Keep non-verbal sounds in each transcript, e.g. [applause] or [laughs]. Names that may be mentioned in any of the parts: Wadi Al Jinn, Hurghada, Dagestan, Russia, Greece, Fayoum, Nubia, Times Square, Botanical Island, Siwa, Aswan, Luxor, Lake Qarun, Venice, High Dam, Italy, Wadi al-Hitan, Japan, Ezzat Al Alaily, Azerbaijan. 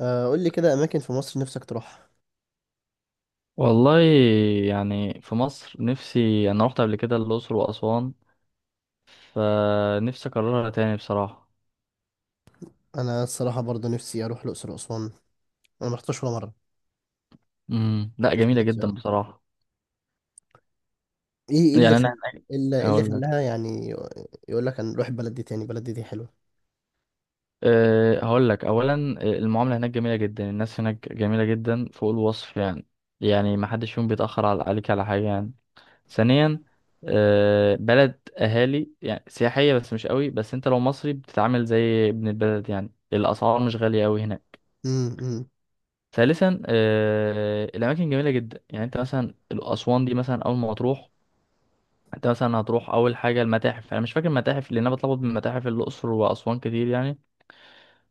آه، قول لي كده اماكن في مصر نفسك تروحها. والله، يعني في مصر نفسي انا رحت قبل كده الاقصر واسوان، فنفسي اكررها تاني بصراحه. انا الصراحه برضه نفسي اروح الاقصر واسوان. انا ما رحتش ولا مره. لا، بس جميله نفسي جدا اروح. بصراحه. ايه ايه اللي يعني انا خل... إيه اللي هقول لك خلاها يعني؟ يقول لك هنروح البلد دي تاني، البلد دي دي حلوه. هقول لك اولا، المعامله هناك جميله جدا، الناس هناك جميله جدا فوق الوصف يعني. يعني ما حدش فيهم بيتاخر عليك على حاجه يعني. ثانيا، بلد اهالي يعني سياحيه بس مش قوي، بس انت لو مصري بتتعامل زي ابن البلد يعني، الاسعار مش غاليه قوي هناك. امم امم ثالثا، الاماكن جميله جدا، يعني انت مثلا اسوان دي مثلا اول ما تروح، انت مثلا هتروح اول حاجه المتاحف، انا مش فاكر المتاحف لان انا بتلخبط بين متاحف الاقصر واسوان كتير يعني.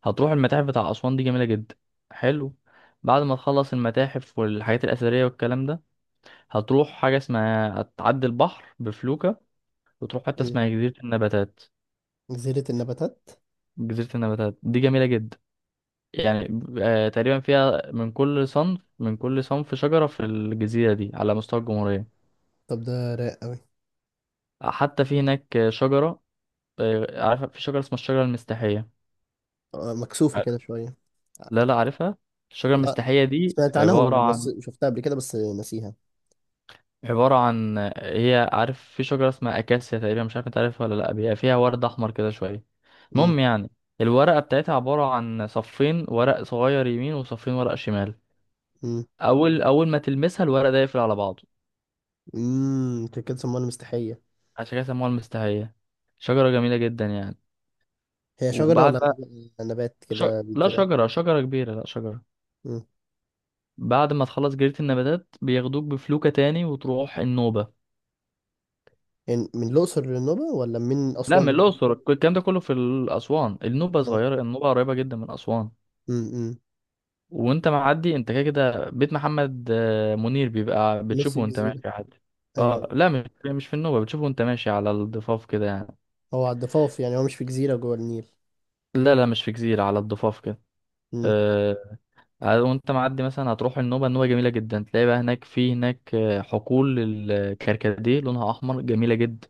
هتروح المتاحف بتاع اسوان دي جميله جدا. حلو. بعد ما تخلص المتاحف والحاجات الاثريه والكلام ده، هتروح حاجه اسمها هتعدي البحر بفلوكه، وتروح حته أمم. اسمها جزيره النباتات. جزيره النباتات. جزيره النباتات دي جميله جدا، يعني تقريبا فيها من كل صنف، من كل صنف شجره في الجزيره دي على مستوى الجمهوريه. طب ده رايق قوي. حتى في هناك شجرة، عارفة في شجرة اسمها الشجرة المستحية؟ مكسوفه ع- كده شويه. لا لا، عارفها. الشجرة لا، المستحية دي سمعت عبارة عنها بس عن، شفتها قبل كده بس نسيها. هي عارف في شجرة اسمها أكاسيا تقريبا، مش عارف انت عارفها ولا لأ، بيبقى فيها ورد أحمر كده شوية. امم المهم يعني، الورقة بتاعتها عبارة عن صفين ورق صغير يمين وصفين ورق شمال. امم أول ما تلمسها الورق ده يقفل على بعضه. أنت كده سموها مستحيه. عشان كده سموها المستحية. شجرة جميلة جدا يعني. هي شجره وبعد ولا بقى، نبات ش... كده لا بيتزرع؟ شجرة كبيرة، لا شجرة. امم بعد ما تخلص جريدة النباتات بياخدوك بفلوكة تاني وتروح النوبة. يعني من الاقصر للنوبه ولا من لا اسوان من للنوبه؟ الأقصر، الكلام ده كله في أسوان، النوبة اه. صغيرة، النوبة قريبة جدا من أسوان. امم وانت معدي انت كده كده بيت محمد منير، بيبقى نفس بتشوفه وانت الجزيرة؟ ماشي عادي. اه ايوه. لا، مش في النوبة، بتشوفه وانت ماشي على الضفاف كده يعني. هو على الضفاف يعني، هو مش في جزيرة جوه النيل؟ لا لا، مش في جزيرة، على الضفاف كده. امم آه وانت معدي مثلا هتروح النوبة، النوبة جميلة جدا، تلاقي بقى هناك، في هناك حقول الكركديه لونها أحمر، جميلة جدا،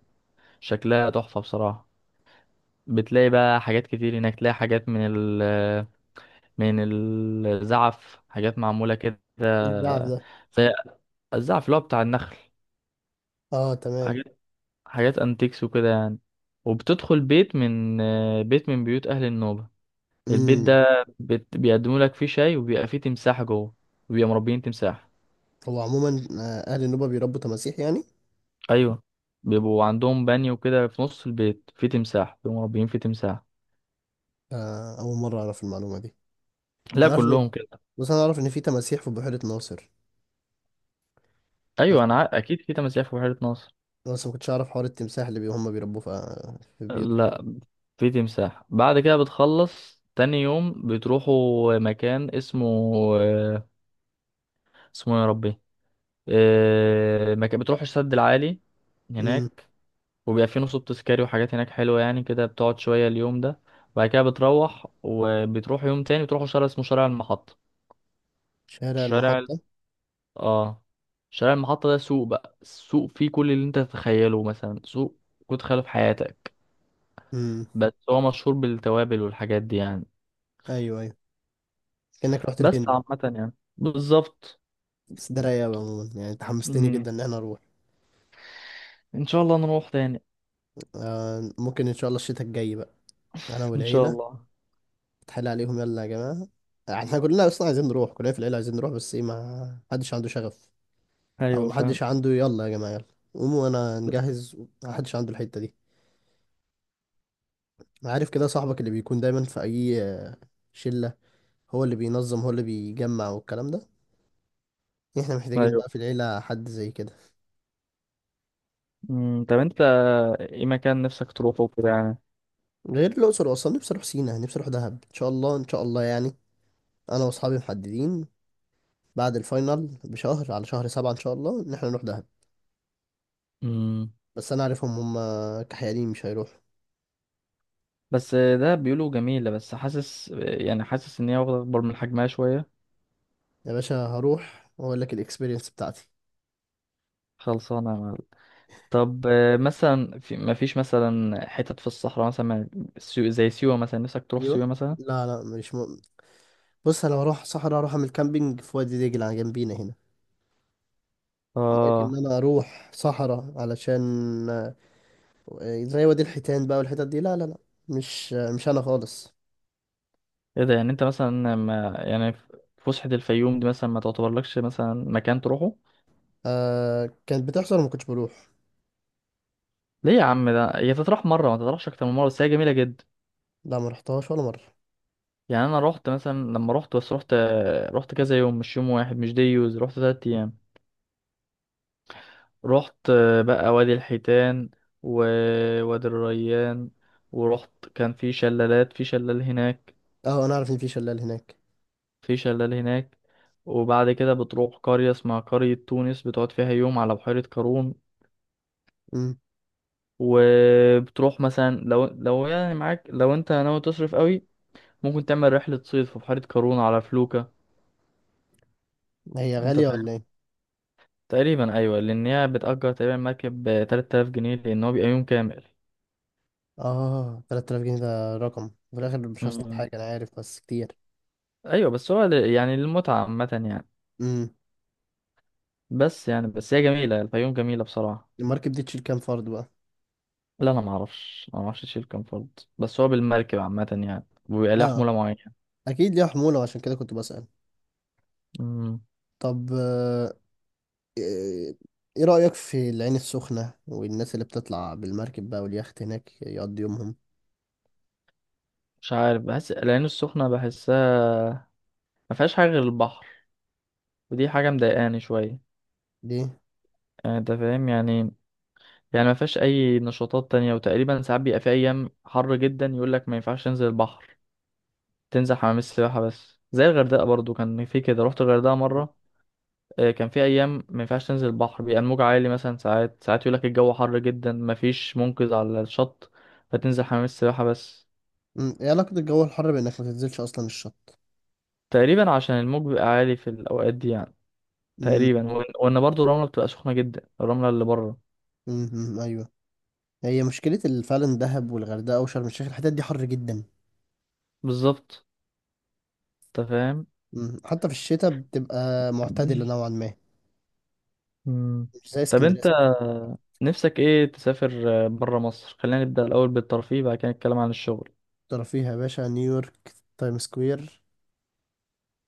شكلها تحفة بصراحة. بتلاقي بقى حاجات كتير هناك، تلاقي حاجات من ال من الزعف، حاجات معمولة كده، ايه الزعف ده؟ زي الزعف اللي هو بتاع النخل. اه تمام. حاجات حاجات انتيكس وكده يعني. وبتدخل بيت من بيوت أهل النوبة. البيت امم ده، بيقدموا لك فيه شاي، وبيبقى فيه تمساح جوه، وبيبقى مربيين تمساح. هو عموما اهل النوبة بيربوا تماسيح يعني؟ أيوه، بيبقوا عندهم بانيو كده في نص البيت فيه تمساح، بيبقوا مربيين فيه تمساح. آه، اول مرة اعرف المعلومة دي. لا انا اعرف إن- كلهم كده. بس انا اعرف ان في تماسيح في بحيرة ناصر. بس أيوه، أنا أكيد في تماسيح في بحيرة ناصر. ما كنتش اعرف حوار التمساح اللي هم بيربوه في بيوتهم ده. لا، في تمساح. بعد كده بتخلص تاني يوم بتروحوا مكان اسمه اسمه إيه يا ربي، مكان بتروحوا السد العالي امم هناك. وبيبقى فيه نصب تذكاري وحاجات هناك حلوة يعني، كده بتقعد شوية اليوم ده. بعد كده بتروح، وبتروح يوم تاني بتروحوا شارع اسمه شارع المحطة. شارع شارع ال- المحطة. اه شارع المحطة ده سوق بقى، السوق فيه كل اللي انت تتخيله مثلا، سوق كنت تخيله في حياتك. امم. بس هو مشهور بالتوابل والحاجات دي يعني. ايوه، كأنك رحت بس الهند. عامة يعني بالظبط. بس ده رايق أوي عموما يعني، انت حمستني مم. جدا ان انا اروح. ان شاء الله نروح تاني. آه، ممكن ان شاء الله الشتاء الجاي بقى، انا ان شاء والعيلة. الله. اتحايل عليهم، يلا يا جماعة. احنا كلنا اصلا عايزين نروح، كلنا في العيلة عايزين نروح، بس ايه، ما حدش عنده شغف. او ايوه ما فاهم. حدش عنده يلا يا جماعة يلا قوموا وانا نجهز. ما حدش عنده الحتة دي. أنا عارف كده صاحبك اللي بيكون دايما في اي شلة، هو اللي بينظم هو اللي بيجمع والكلام ده. احنا محتاجين ايوه. بقى في العيلة حد زي كده. طب انت ايه مكان نفسك تروحه وكده يعني؟ غير الأقصر وأسوان، نفسي أروح سينا، نفسي أروح دهب، إن شاء الله إن شاء الله يعني. أنا وأصحابي محددين بعد الفاينل بشهر، على شهر سبعة إن شاء الله إن احنا نروح دهب. مم. بس أنا عارفهم، هم كحيانين مش هيروحوا. بس ده بيقولوا جميلة، بس حاسس يعني، حاسس ان هي واخدة اكبر من حجمها شوية. يا باشا هروح واقول لك الاكسبيرينس بتاعتي. خلصانة يا معلم. طب مثلا في، ما فيش مثلا حتت في الصحراء مثلا، زي سيوة مثلا، نفسك تروح ايوه. سيوة مثلا؟ لا مش م... بص انا هروح صحراء، اروح اعمل كامبينج في وادي دجله جنبينا هنا. لكن اه. انا اروح صحراء علشان آه، زي وادي الحيتان بقى والحتت دي، لا، مش انا خالص. ايه ده، يعني انت مثلا، ما يعني ف- فسحة الفيوم دي مثلا ما تعتبرلكش مثلا مكان تروحه؟ آه، كانت بتحصل وما كنتش بروح. ليه يا عم، ده هي تطرح مره ما تطرحش اكتر من مره، بس هي جميله جدا. لا، ما رحتهاش ولا مره. يعني انا رحت مثلا، لما رحت بس رحت، رحت كذا يوم، مش يوم واحد، مش ديوز، رحت 3 ايام. رحت بقى وادي الحيتان، ووادي الريان، ورحت كان في شلالات، في شلال هناك، اه انا عارف ان في شلال هناك. في شلال هناك. وبعد كده بتروح قرية اسمها قرية تونس، بتقعد فيها يوم على بحيرة قارون. امم. وبتروح مثلا لو، يعني معاك، لو انت ناوي تصرف قوي، ممكن تعمل رحلة صيد في بحيرة قارون على فلوكة. هي انت غاليه ولا ايه؟ تقريبا ايوه، لان هي بتأجر تقريبا مركب ب 3000 جنيه، لان هو بيبقى يوم كامل. اه، 3000 جنيه ده رقم في الاخر، مش هصطاد مم. حاجه انا عارف بس كتير. ايوه بس هو يعني للمتعه عامه يعني. امم. بس يعني، بس هي جميله، الفيوم جميله بصراحه. المركب دي تشيل كام فرد بقى؟ لا انا ما اعرفش، ما اعرفش تشيل كام فرد، بس هو بالمركب عامه يعني، وبيبقى ليها اه، حموله معينه. اكيد ليها حمولة وعشان كده كنت بسأل. مم. طب ايه إيه رأيك في العين السخنة والناس اللي بتطلع بالمركب بقى واليخت هناك يقضي يومهم؟ مش عارف، بحس العين السخنه، بحسها ما فيهاش حاجه غير البحر، ودي حاجه مضايقاني شويه، دي. يعني انت فاهم يعني. يعني ما فيهاش اي نشاطات تانية، وتقريبا ساعات بيبقى في ايام حر جدا يقول لك ما ينفعش تنزل البحر، تنزل حمام السباحة بس. زي الغردقة برضو كان في كده، رحت الغردقة مم. مرة، كان في أيام ما ينفعش تنزل البحر، بيبقى الموج عالي مثلا. ساعات يقولك الجو حر جدا مفيش منقذ على الشط، فتنزل حمام السباحة بس. مم، ايه علاقة الجو الحر بانك ما تنزلش اصلا الشط؟ تقريبا عشان الموج بيبقى عالي في الأوقات دي يعني. مم، تقريبا، وإن برضو الرملة بتبقى سخنة جدا، الرملة اللي بره. مم، ايوه. هي مشكلة فعلا دهب والغردقة وشرم الشيخ الحتت دي حر جدا. بالظبط، أنت فاهم. مم، حتى في الشتاء بتبقى معتدلة نوعا ما. مم. مش زي طب اسكندرية، أنت اسكندرية. نفسك إيه تسافر بره مصر؟ خلينا نبدأ الأول بالترفيه، بعد كده نتكلم عن الشغل. ترى فيها يا باشا نيويورك، تايم سكوير،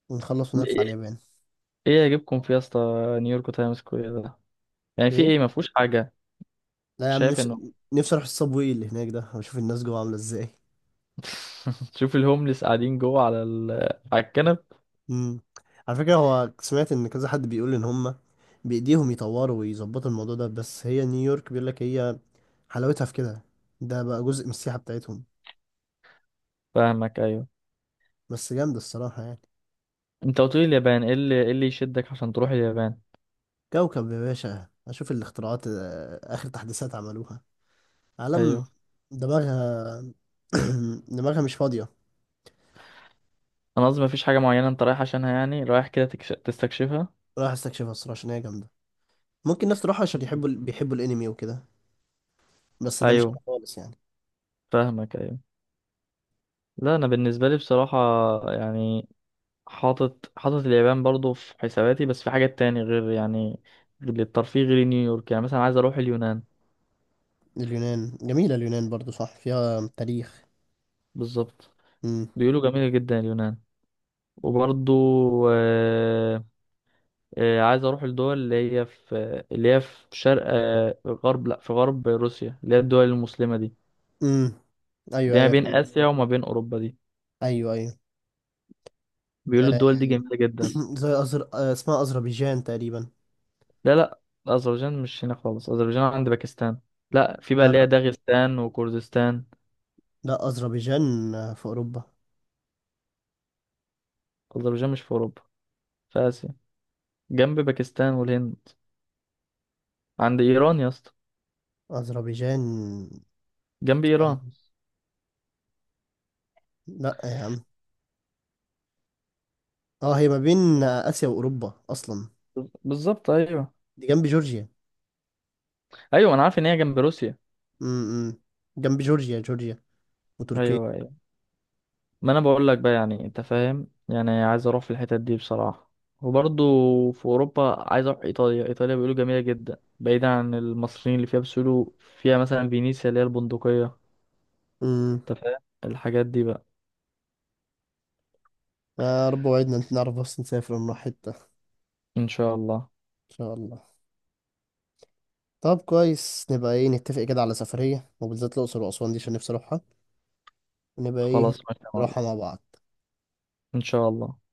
ونخلص ونطلع اليابان. ايه يجيبكم في يا اسطى؟ نيويورك تايمز سكوير ده يعني في ايه؟ ايه؟ ما فيهوش حاجه. لا يا عم، شايف انه نفسي اروح الصابوي اللي هناك ده واشوف الناس جوه عامله ازاي. [laughs] شوف الهوملس قاعدين جوه على الكنب. امم. على فكره هو، سمعت ان كذا حد بيقول ان هم بايديهم يطوروا ويظبطوا الموضوع ده، بس هي نيويورك بيقول لك هي حلاوتها في كده، ده بقى جزء من السياحه بتاعتهم. فاهمك، ايوه. بس جامده الصراحه يعني. انت قلت لي اليابان، ايه اللي يشدك عشان تروح اليابان؟ كوكب يا باشا، اشوف الاختراعات، آه، اخر تحديثات عملوها. عالم. ايوه، دماغها. [clears throat] دماغها مش فاضيه. انا قصدي ما فيش حاجه معينه انت رايح عشانها يعني، رايح كده تستكشفها؟ رايح استكشفها الصراحه عشان هي جامده. ممكن ناس تروحها عشان يحبوا [laughs] بيحبوا الانمي وكده، بس ده مش أنا ايوه خالص يعني. فاهمك، ايوه. لا انا بالنسبه لي بصراحه، يعني، حاطط اليابان برضو في حساباتي، بس في حاجات تاني غير يعني، غير الترفيه غير نيويورك، يعني مثلا عايز اروح اليونان. اليونان جميلة، اليونان برضو صح فيها تاريخ. بالظبط. امم. بيقولوا جميلة جدا اليونان. وبرضو، آه، عايز اروح الدول اللي هي في، شرق، غرب، لا، في غرب روسيا، اللي هي الدول المسلمة دي. امم ايوه اللي هي ما ايوه بين فهمت. آسيا وما بين أوروبا دي، ايوه ايوه. بيقولوا آه، الدول دي جميلة جدا. [clears throat] زي أزر... آه، اسمها أذربيجان تقريبا. لا لا، أذربيجان مش هنا خالص، أذربيجان عند باكستان. لا، في بقى لا اللي هي لا داغستان وكردستان. لا، أذربيجان في أوروبا. أذربيجان مش في أوروبا، في آسيا، جنب باكستان والهند، عند إيران يا اسطى، أذربيجان. جنب استنى. إيران. لا يا عم، اه هي ما بين آسيا وأوروبا أصلا. بالظبط، أيوه. دي جنب جورجيا. أيوه أنا عارف إن هي جنب روسيا. امم. جنب جورجيا، وتركيا. ايوه، ما انا بقول لك بقى يعني، انت فاهم يعني، عايز اروح في الحتت دي بصراحة. وبرضه، في اوروبا عايز اروح ايطاليا، ايطاليا بيقولوا جميلة جدا بعيدا عن المصريين اللي فيها، بس بيقولوا فيها مثلا فينيسيا اللي هي البندقية. امم. انت فاهم، الحاجات دي بقى. يا رب وعدنا نعرف بس نسافر ونروح حتة إن ان شاء الله. شاء الله. طب كويس، نبقى ايه نتفق كده على سفرية وبالذات الأقصر وأسوان دي عشان نفسي أروحها، ونبقى ايه خلاص ماشي يا معلم. نروحها مع بعض. ان شاء الله.